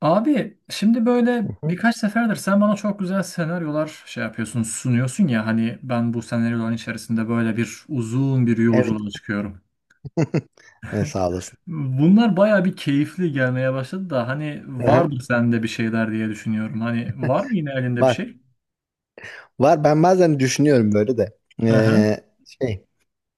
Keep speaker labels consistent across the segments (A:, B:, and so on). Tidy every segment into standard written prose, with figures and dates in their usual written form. A: Abi şimdi böyle
B: Hı hı.
A: birkaç seferdir sen bana çok güzel senaryolar yapıyorsun, sunuyorsun ya hani ben bu senaryoların içerisinde böyle uzun bir
B: Evet.
A: yolculuğa çıkıyorum.
B: Sağ olasın.
A: Bunlar baya bir keyifli gelmeye başladı da hani
B: Aha,
A: vardır sende bir şeyler diye düşünüyorum. Hani var mı yine elinde bir
B: var.
A: şey?
B: Var. Ben bazen düşünüyorum böyle de.
A: Aha,
B: Ee, şey.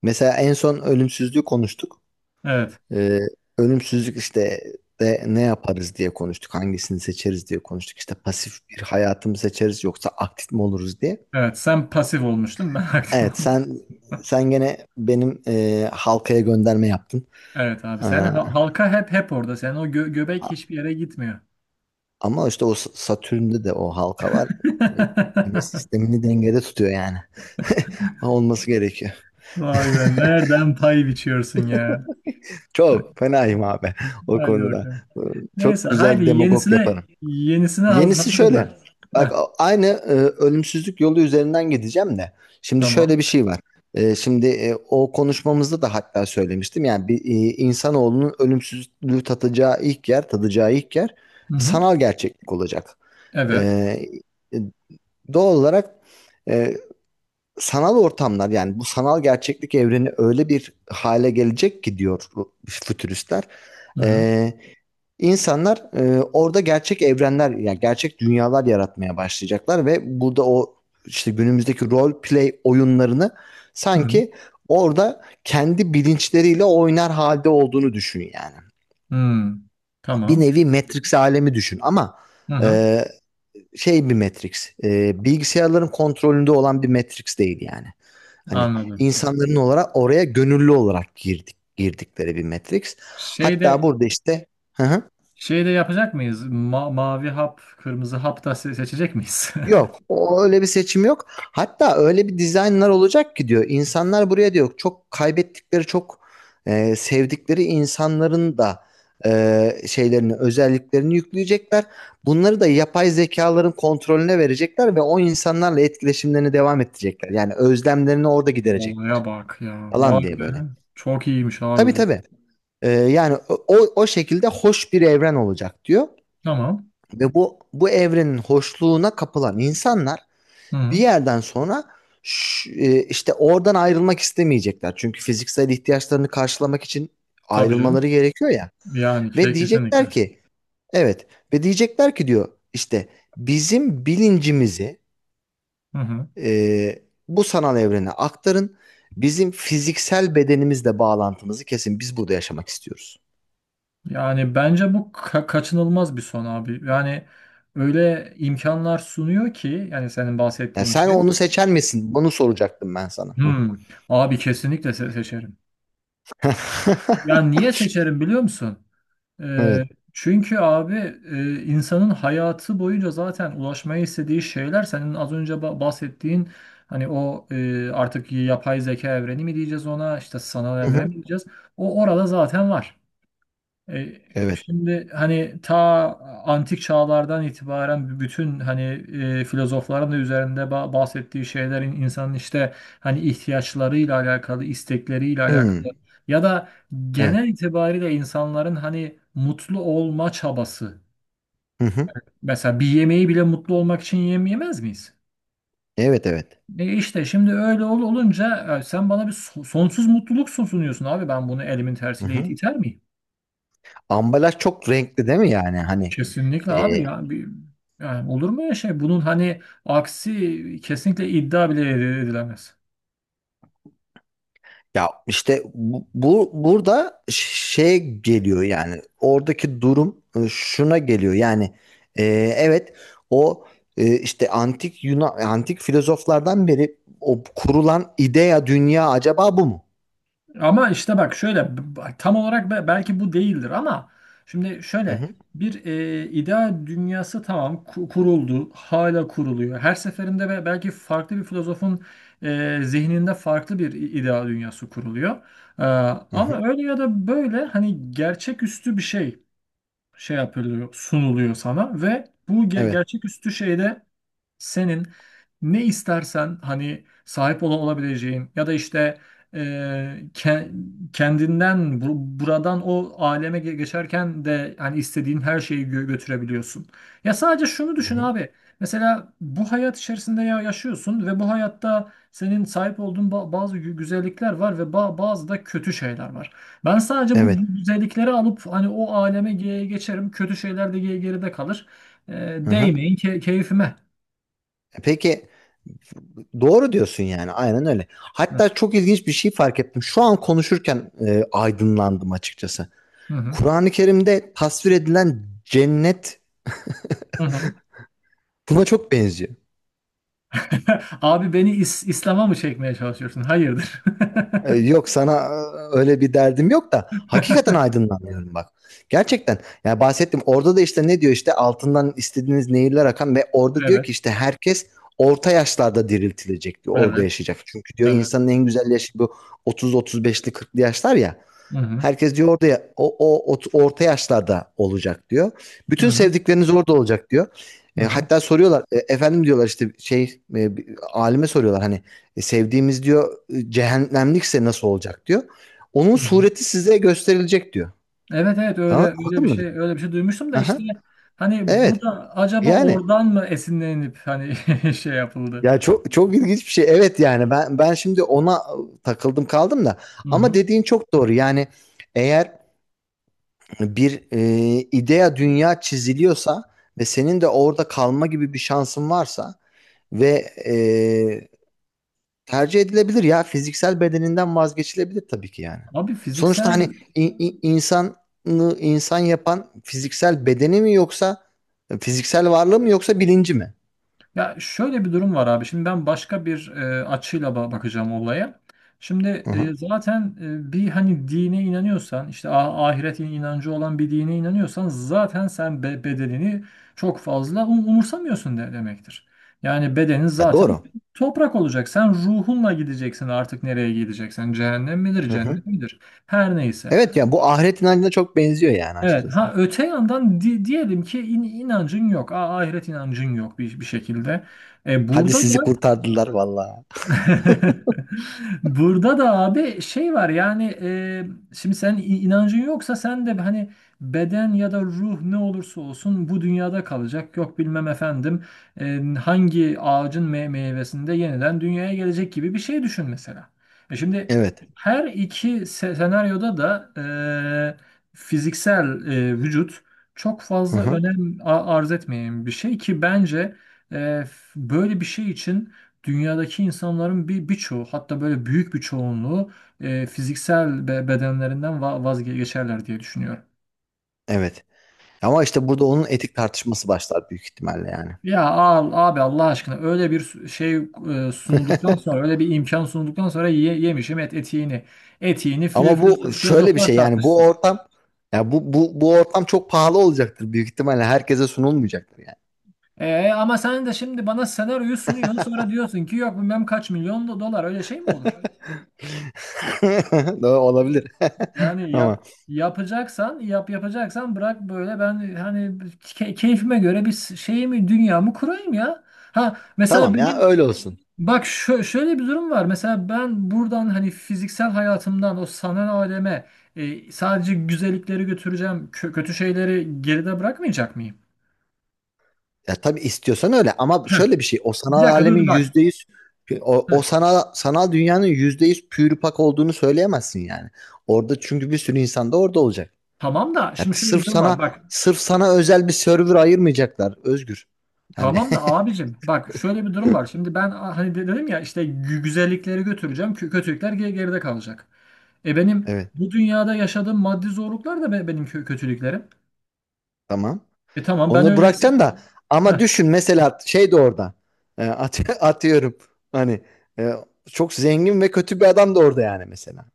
B: Mesela en son ölümsüzlüğü konuştuk.
A: evet.
B: Ee, Ölümsüzlük işte de ne yaparız diye konuştuk. Hangisini seçeriz diye konuştuk. İşte pasif bir hayatı mı seçeriz yoksa aktif mi oluruz diye.
A: Evet sen pasif olmuştun, ben aktif
B: Evet,
A: oldum.
B: sen gene benim halkaya gönderme yaptın.
A: Evet abi
B: Ee,
A: sen halka, hep orada. Sen o göbek
B: a-
A: hiçbir yere gitmiyor.
B: ama işte o Satürn'de de o halka var. Güneş sistemini dengede tutuyor yani. Olması gerekiyor.
A: Vay be, nereden pay biçiyorsun ya?
B: Çok fenayım abi o
A: Haydi
B: konuda.
A: bakalım.
B: Ee,
A: Neyse,
B: Çok
A: haydi
B: güzel demagog
A: yenisine
B: yaparım.
A: yenisine
B: Yenisi
A: hazırım
B: şöyle.
A: ben.
B: Bak
A: Heh,
B: aynı ölümsüzlük yolu üzerinden gideceğim de. Şimdi şöyle
A: tamam.
B: bir şey var. Şimdi o konuşmamızda da hatta söylemiştim. Yani bir insanoğlunun ölümsüzlüğü tadacağı ilk yer
A: Hı hı.
B: sanal gerçeklik olacak.
A: Evet.
B: E, e, Doğal olarak e, sanal ortamlar, yani bu sanal gerçeklik evreni öyle bir hale gelecek ki diyor bu fütüristler.
A: Hı hı.
B: Ee, insanlar orada gerçek evrenler, yani gerçek dünyalar yaratmaya başlayacaklar ve burada o işte günümüzdeki role play oyunlarını
A: Hı hı.
B: sanki orada kendi bilinçleriyle oynar halde olduğunu düşün yani.
A: Hmm.
B: Bir
A: Tamam.
B: nevi Matrix alemi düşün, ama
A: Hı hı.
B: e, bir Matrix. Bilgisayarların kontrolünde olan bir Matrix değil yani. Hani
A: Anladım.
B: insanların olarak oraya gönüllü olarak girdikleri bir Matrix. Hatta
A: Şeyde
B: burada işte. Hı hı.
A: şeyde yapacak mıyız? Mavi hap, kırmızı hap da seçecek miyiz?
B: Yok, o öyle bir seçim yok. Hatta öyle bir dizaynlar olacak ki diyor. İnsanlar buraya diyor çok kaybettikleri, çok sevdikleri insanların da şeylerini, özelliklerini yükleyecekler. Bunları da yapay zekaların kontrolüne verecekler ve o insanlarla etkileşimlerini devam ettirecekler. Yani özlemlerini orada
A: Olaya
B: giderecekler
A: bak ya.
B: falan
A: Vay
B: diye
A: be.
B: böyle.
A: Çok iyiymiş
B: Tabii,
A: abi bu.
B: tabii. Yani o şekilde hoş bir evren olacak diyor.
A: Tamam.
B: Ve bu evrenin hoşluğuna kapılan insanlar
A: Hı
B: bir
A: hı.
B: yerden sonra işte oradan ayrılmak istemeyecekler. Çünkü fiziksel ihtiyaçlarını karşılamak için
A: Tabii
B: ayrılmaları
A: canım.
B: gerekiyor ya.
A: Yani
B: Ve
A: şey, kesinlikle.
B: diyecekler ki, evet, ve diyecekler ki diyor işte, bizim bilincimizi
A: Hı hı.
B: e, bu sanal evrene aktarın. Bizim fiziksel bedenimizle bağlantımızı kesin. Biz burada yaşamak istiyoruz.
A: Yani bence bu kaçınılmaz bir son abi. Yani öyle imkanlar sunuyor ki yani senin
B: Yani
A: bahsettiğin
B: sen
A: şey.
B: onu seçer misin? Bunu soracaktım ben sana.
A: Hmm, abi kesinlikle seçerim. Yani niye seçerim biliyor musun? Ee,
B: Evet.
A: Çünkü abi insanın hayatı boyunca zaten ulaşmayı istediği şeyler senin az önce bahsettiğin hani o artık yapay zeka evreni mi diyeceğiz ona, işte sanal
B: Hı
A: evren
B: hı.
A: mi diyeceğiz? O orada zaten var. E,
B: Evet.
A: Şimdi hani ta antik çağlardan itibaren bütün hani filozofların da üzerinde bahsettiği şeylerin insanın işte hani ihtiyaçlarıyla alakalı, istekleriyle alakalı
B: Hmm.
A: ya da
B: Evet.
A: genel itibariyle insanların hani mutlu olma çabası.
B: Hı hı.
A: Mesela bir yemeği bile mutlu olmak için yemez miyiz?
B: Evet, evet.
A: E işte şimdi öyle olunca sen bana bir sonsuz mutluluk sunuyorsun abi, ben bunu elimin
B: Hı
A: tersiyle
B: hı.
A: iter miyim?
B: Ambalaj çok renkli değil mi yani? Hani
A: Kesinlikle
B: e,
A: abi ya bir, yani olur mu ya şey, bunun hani aksi kesinlikle iddia bile edilemez.
B: ya işte burada şey geliyor yani, oradaki durum şuna geliyor yani, e, evet, o işte antik filozoflardan beri o kurulan idea dünya acaba bu mu?
A: Ama işte bak şöyle tam olarak belki bu değildir ama şimdi
B: Hı
A: şöyle
B: hı,
A: bir ideal dünyası tamam kuruldu, hala kuruluyor. Her seferinde belki farklı bir filozofun zihninde farklı bir ideal dünyası kuruluyor. Ee,
B: hı
A: Ama
B: hı,
A: öyle ya da böyle hani gerçeküstü bir şey. Şey yapılıyor, sunuluyor sana ve bu
B: evet.
A: gerçeküstü şeyde senin ne istersen hani sahip olabileceğin ya da işte e, ke- kendinden buradan o aleme geçerken de hani istediğin her şeyi götürebiliyorsun. Ya sadece şunu
B: Hı
A: düşün
B: hı,
A: abi. Mesela bu hayat içerisinde yaşıyorsun ve bu hayatta senin sahip olduğun bazı güzellikler var ve bazı da kötü şeyler var. Ben sadece bu
B: evet.
A: güzellikleri alıp hani o aleme geçerim. Kötü şeyler de geride kalır. E,
B: Hı hı.
A: değmeyin keyfime.
B: Peki, doğru diyorsun yani, aynen öyle. Hatta çok ilginç bir şey fark ettim. Şu an konuşurken aydınlandım açıkçası.
A: Hı hı.
B: Kur'an-ı Kerim'de tasvir edilen cennet
A: Hı hı.
B: buna çok benziyor.
A: Abi beni İslam'a mı çekmeye çalışıyorsun? Hayırdır?
B: Yok, sana öyle bir derdim yok da hakikaten aydınlanıyorum bak. Gerçekten, yani bahsettim orada da, işte ne diyor işte, altından istediğiniz nehirler akan, ve orada diyor
A: Evet,
B: ki işte herkes orta yaşlarda diriltilecek diyor, orada
A: evet,
B: yaşayacak. Çünkü diyor,
A: evet.
B: insanın en güzel yaşı bu 30-35'li 40'lı yaşlar ya.
A: Hı hı,
B: Herkes diyor orada orta yaşlarda olacak diyor.
A: hı
B: Bütün
A: hı,
B: sevdikleriniz orada olacak diyor.
A: hı hı,
B: Hatta soruyorlar, efendim diyorlar işte, e, alime soruyorlar hani, sevdiğimiz diyor cehennemlikse nasıl olacak diyor. Onun
A: hı hı.
B: sureti size gösterilecek diyor.
A: Evet, evet, öyle
B: Ha,
A: öyle bir
B: anladın mı?
A: şey, öyle bir şey duymuştum da
B: Aha,
A: işte hani bu
B: evet.
A: da acaba
B: Yani
A: oradan mı esinlenip hani şey yapıldı?
B: ya, çok çok ilginç bir şey. Evet yani ben şimdi ona takıldım kaldım da,
A: Hı
B: ama
A: hı.
B: dediğin çok doğru. Yani eğer bir idea dünya çiziliyorsa ve senin de orada kalma gibi bir şansın varsa ve e, tercih edilebilir ya, fiziksel bedeninden vazgeçilebilir tabii ki yani.
A: Abi
B: Sonuçta hani
A: fiziksel.
B: insanı insan yapan fiziksel bedeni mi yoksa fiziksel varlığı mı yoksa bilinci mi?
A: Ya şöyle bir durum var abi. Şimdi ben başka bir açıyla bakacağım olaya. Şimdi
B: Hı hı.
A: zaten bir hani dine inanıyorsan, işte ahiret inancı olan bir dine inanıyorsan zaten sen bedenini çok fazla umursamıyorsun demektir. Yani bedenin
B: Ya
A: zaten
B: doğru.
A: toprak olacak. Sen ruhunla gideceksin artık nereye gideceksen. Cehennem midir,
B: Hı hı.
A: cennet midir? Her neyse.
B: Evet ya, bu ahiret inancına çok benziyor yani
A: Evet.
B: açıkçası.
A: Ha öte yandan diyelim ki inancın yok, ahiret inancın yok bir, bir şekilde. E,
B: Hadi
A: burada da
B: sizi kurtardılar vallahi.
A: burada da abi şey var yani, şimdi sen inancın yoksa sen de hani beden ya da ruh ne olursa olsun bu dünyada kalacak. Yok bilmem efendim hangi ağacın meyvesinde yeniden dünyaya gelecek gibi bir şey düşün mesela. E şimdi
B: Evet.
A: her iki senaryoda da e, fiziksel vücut çok
B: Hı
A: fazla
B: hı.
A: önem arz etmeyen bir şey ki bence e, böyle bir şey için dünyadaki insanların birçoğu, hatta böyle büyük bir çoğunluğu fiziksel bedenlerinden vazgeçerler diye düşünüyorum.
B: Evet. Ama işte burada onun etik tartışması başlar büyük ihtimalle yani.
A: Ya al abi Allah aşkına öyle bir şey sunulduktan sonra, öyle bir imkan sunulduktan sonra ye, yemişim et etiğini. Etiğini
B: Ama bu şöyle bir
A: filozoflar
B: şey, yani bu
A: tartışsın.
B: ortam, ya bu ortam çok pahalı olacaktır büyük ihtimalle, herkese sunulmayacaktır yani.
A: E, ama sen de şimdi bana senaryoyu sunuyorsun sonra diyorsun ki yok bilmem kaç milyon dolar, öyle şey mi olur?
B: Doğru olabilir
A: Yani
B: ama,
A: yapacaksan yap, yapacaksan bırak böyle ben hani keyfime göre bir şeyimi, dünyamı kurayım ya. Ha mesela
B: tamam ya,
A: benim
B: öyle olsun.
A: bak şöyle bir durum var. Mesela ben buradan hani fiziksel hayatımdan o sanal aleme sadece güzellikleri götüreceğim. Kö- kötü şeyleri geride bırakmayacak mıyım?
B: Ya tabii istiyorsan öyle, ama
A: Heh,
B: şöyle bir şey, o sanal
A: bir dakika, dur
B: alemin
A: dur bak.
B: yüzde yüz o, o
A: Heh,
B: sanal dünyanın yüzde yüz pürüpak olduğunu söyleyemezsin yani. Orada çünkü bir sürü insan da orada olacak.
A: tamam da
B: Ya
A: şimdi şöyle
B: sırf
A: bir durum var.
B: sana
A: Bak,
B: sırf sana özel bir server ayırmayacaklar, Özgür. Hani
A: tamam da abicim bak şöyle bir durum var. Şimdi ben hani dedim ya işte güzellikleri götüreceğim. Kötülükler geride kalacak. E benim
B: evet,
A: bu dünyada yaşadığım maddi zorluklar da benim kötülüklerim.
B: tamam.
A: E tamam ben
B: Onu
A: öyleyse.
B: bırakacaksın da,
A: Heh,
B: ama düşün mesela şey de orada. Atıyorum hani, e, çok zengin ve kötü bir adam da orada yani mesela.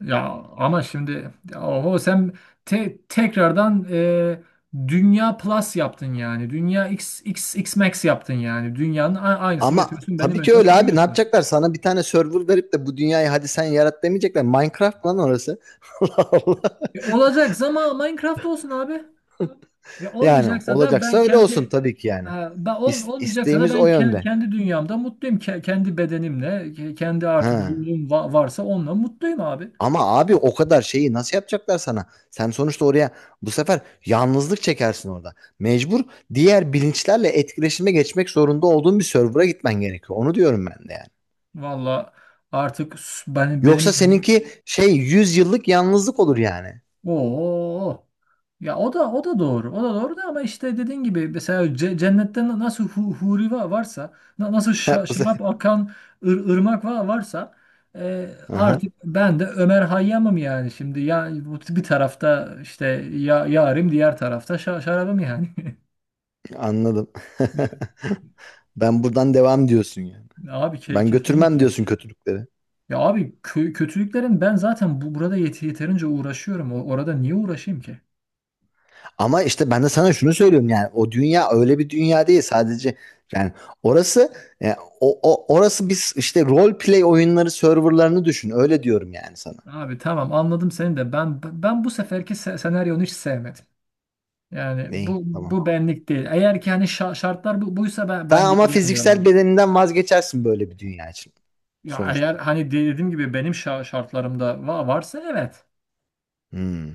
A: ya ama şimdi ya oho sen tekrardan Dünya Plus yaptın yani. Dünya X, X, X Max yaptın yani. Dünyanın aynısını
B: Ama
A: getiriyorsun, benim
B: tabii ki
A: önüme
B: öyle abi, ne
A: koyuyorsun.
B: yapacaklar? Sana bir tane server verip de, bu dünyayı hadi sen yarat demeyecekler. Minecraft lan orası. Allah Allah.
A: E olacaksa ama Minecraft olsun abi. Ve
B: Yani
A: olmayacaksa da
B: olacaksa
A: ben
B: öyle olsun
A: kendi.
B: tabii ki yani.
A: Ha,
B: İs-
A: olmayacaksa da
B: isteğimiz o
A: ben
B: yönde.
A: kendi dünyamda mutluyum. Kendi bedenimle, kendi artık
B: Ha.
A: ruhum varsa onunla mutluyum abi.
B: Ama abi o kadar şeyi nasıl yapacaklar sana? Sen sonuçta oraya bu sefer yalnızlık çekersin orada. Mecbur diğer bilinçlerle etkileşime geçmek zorunda olduğun bir server'a gitmen gerekiyor. Onu diyorum ben de yani.
A: Valla artık ben benim
B: Yoksa seninki şey, 100 yıllık yalnızlık olur yani.
A: o. Ya o da, o da doğru. O da doğru da ama işte dediğin gibi mesela cennette nasıl huri varsa, nasıl
B: Bu se-
A: şarap akan ırmak varsa,
B: Aha,
A: artık ben de Ömer Hayyam'ım yani şimdi. Ya bu bir tarafta işte ya yarim, diğer tarafta şarabım yani.
B: anladım.
A: Evet.
B: Ben buradan devam diyorsun yani.
A: Abi
B: Ben götürmem
A: kesinlikle.
B: diyorsun kötülükleri.
A: Ya abi kötülüklerin ben zaten bu burada yeterince uğraşıyorum. Orada niye uğraşayım ki?
B: Ama işte ben de sana şunu söylüyorum yani, o dünya öyle bir dünya değil sadece, yani orası, e, o, o orası biz, işte role play oyunları serverlarını düşün, öyle diyorum yani sana.
A: Abi tamam, anladım seni de ben bu seferki senaryonu hiç sevmedim. Yani bu,
B: İyi, tamam.
A: bu benlik değil. Eğer ki hani şartlar bu, buysa ben
B: Daha ama
A: gelmiyorum
B: fiziksel
A: abi.
B: bedeninden vazgeçersin böyle bir dünya için
A: Ya eğer
B: sonuçta.
A: hani dediğim gibi benim şartlarımda varsa, evet.
B: Hmm.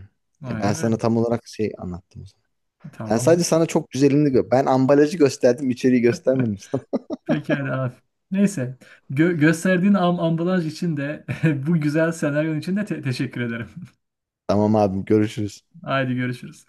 B: Ben
A: Aynen öyle.
B: sana tam olarak şey anlattım o zaman.
A: E,
B: Ben
A: tamam
B: sadece
A: abi.
B: sana çok güzelini ben ambalajı gösterdim, içeriği göstermedim sana.
A: Pekala abi. Neyse. Gösterdiğin ambalaj için de bu güzel senaryon için de teşekkür ederim.
B: Tamam abim, görüşürüz.
A: Haydi görüşürüz.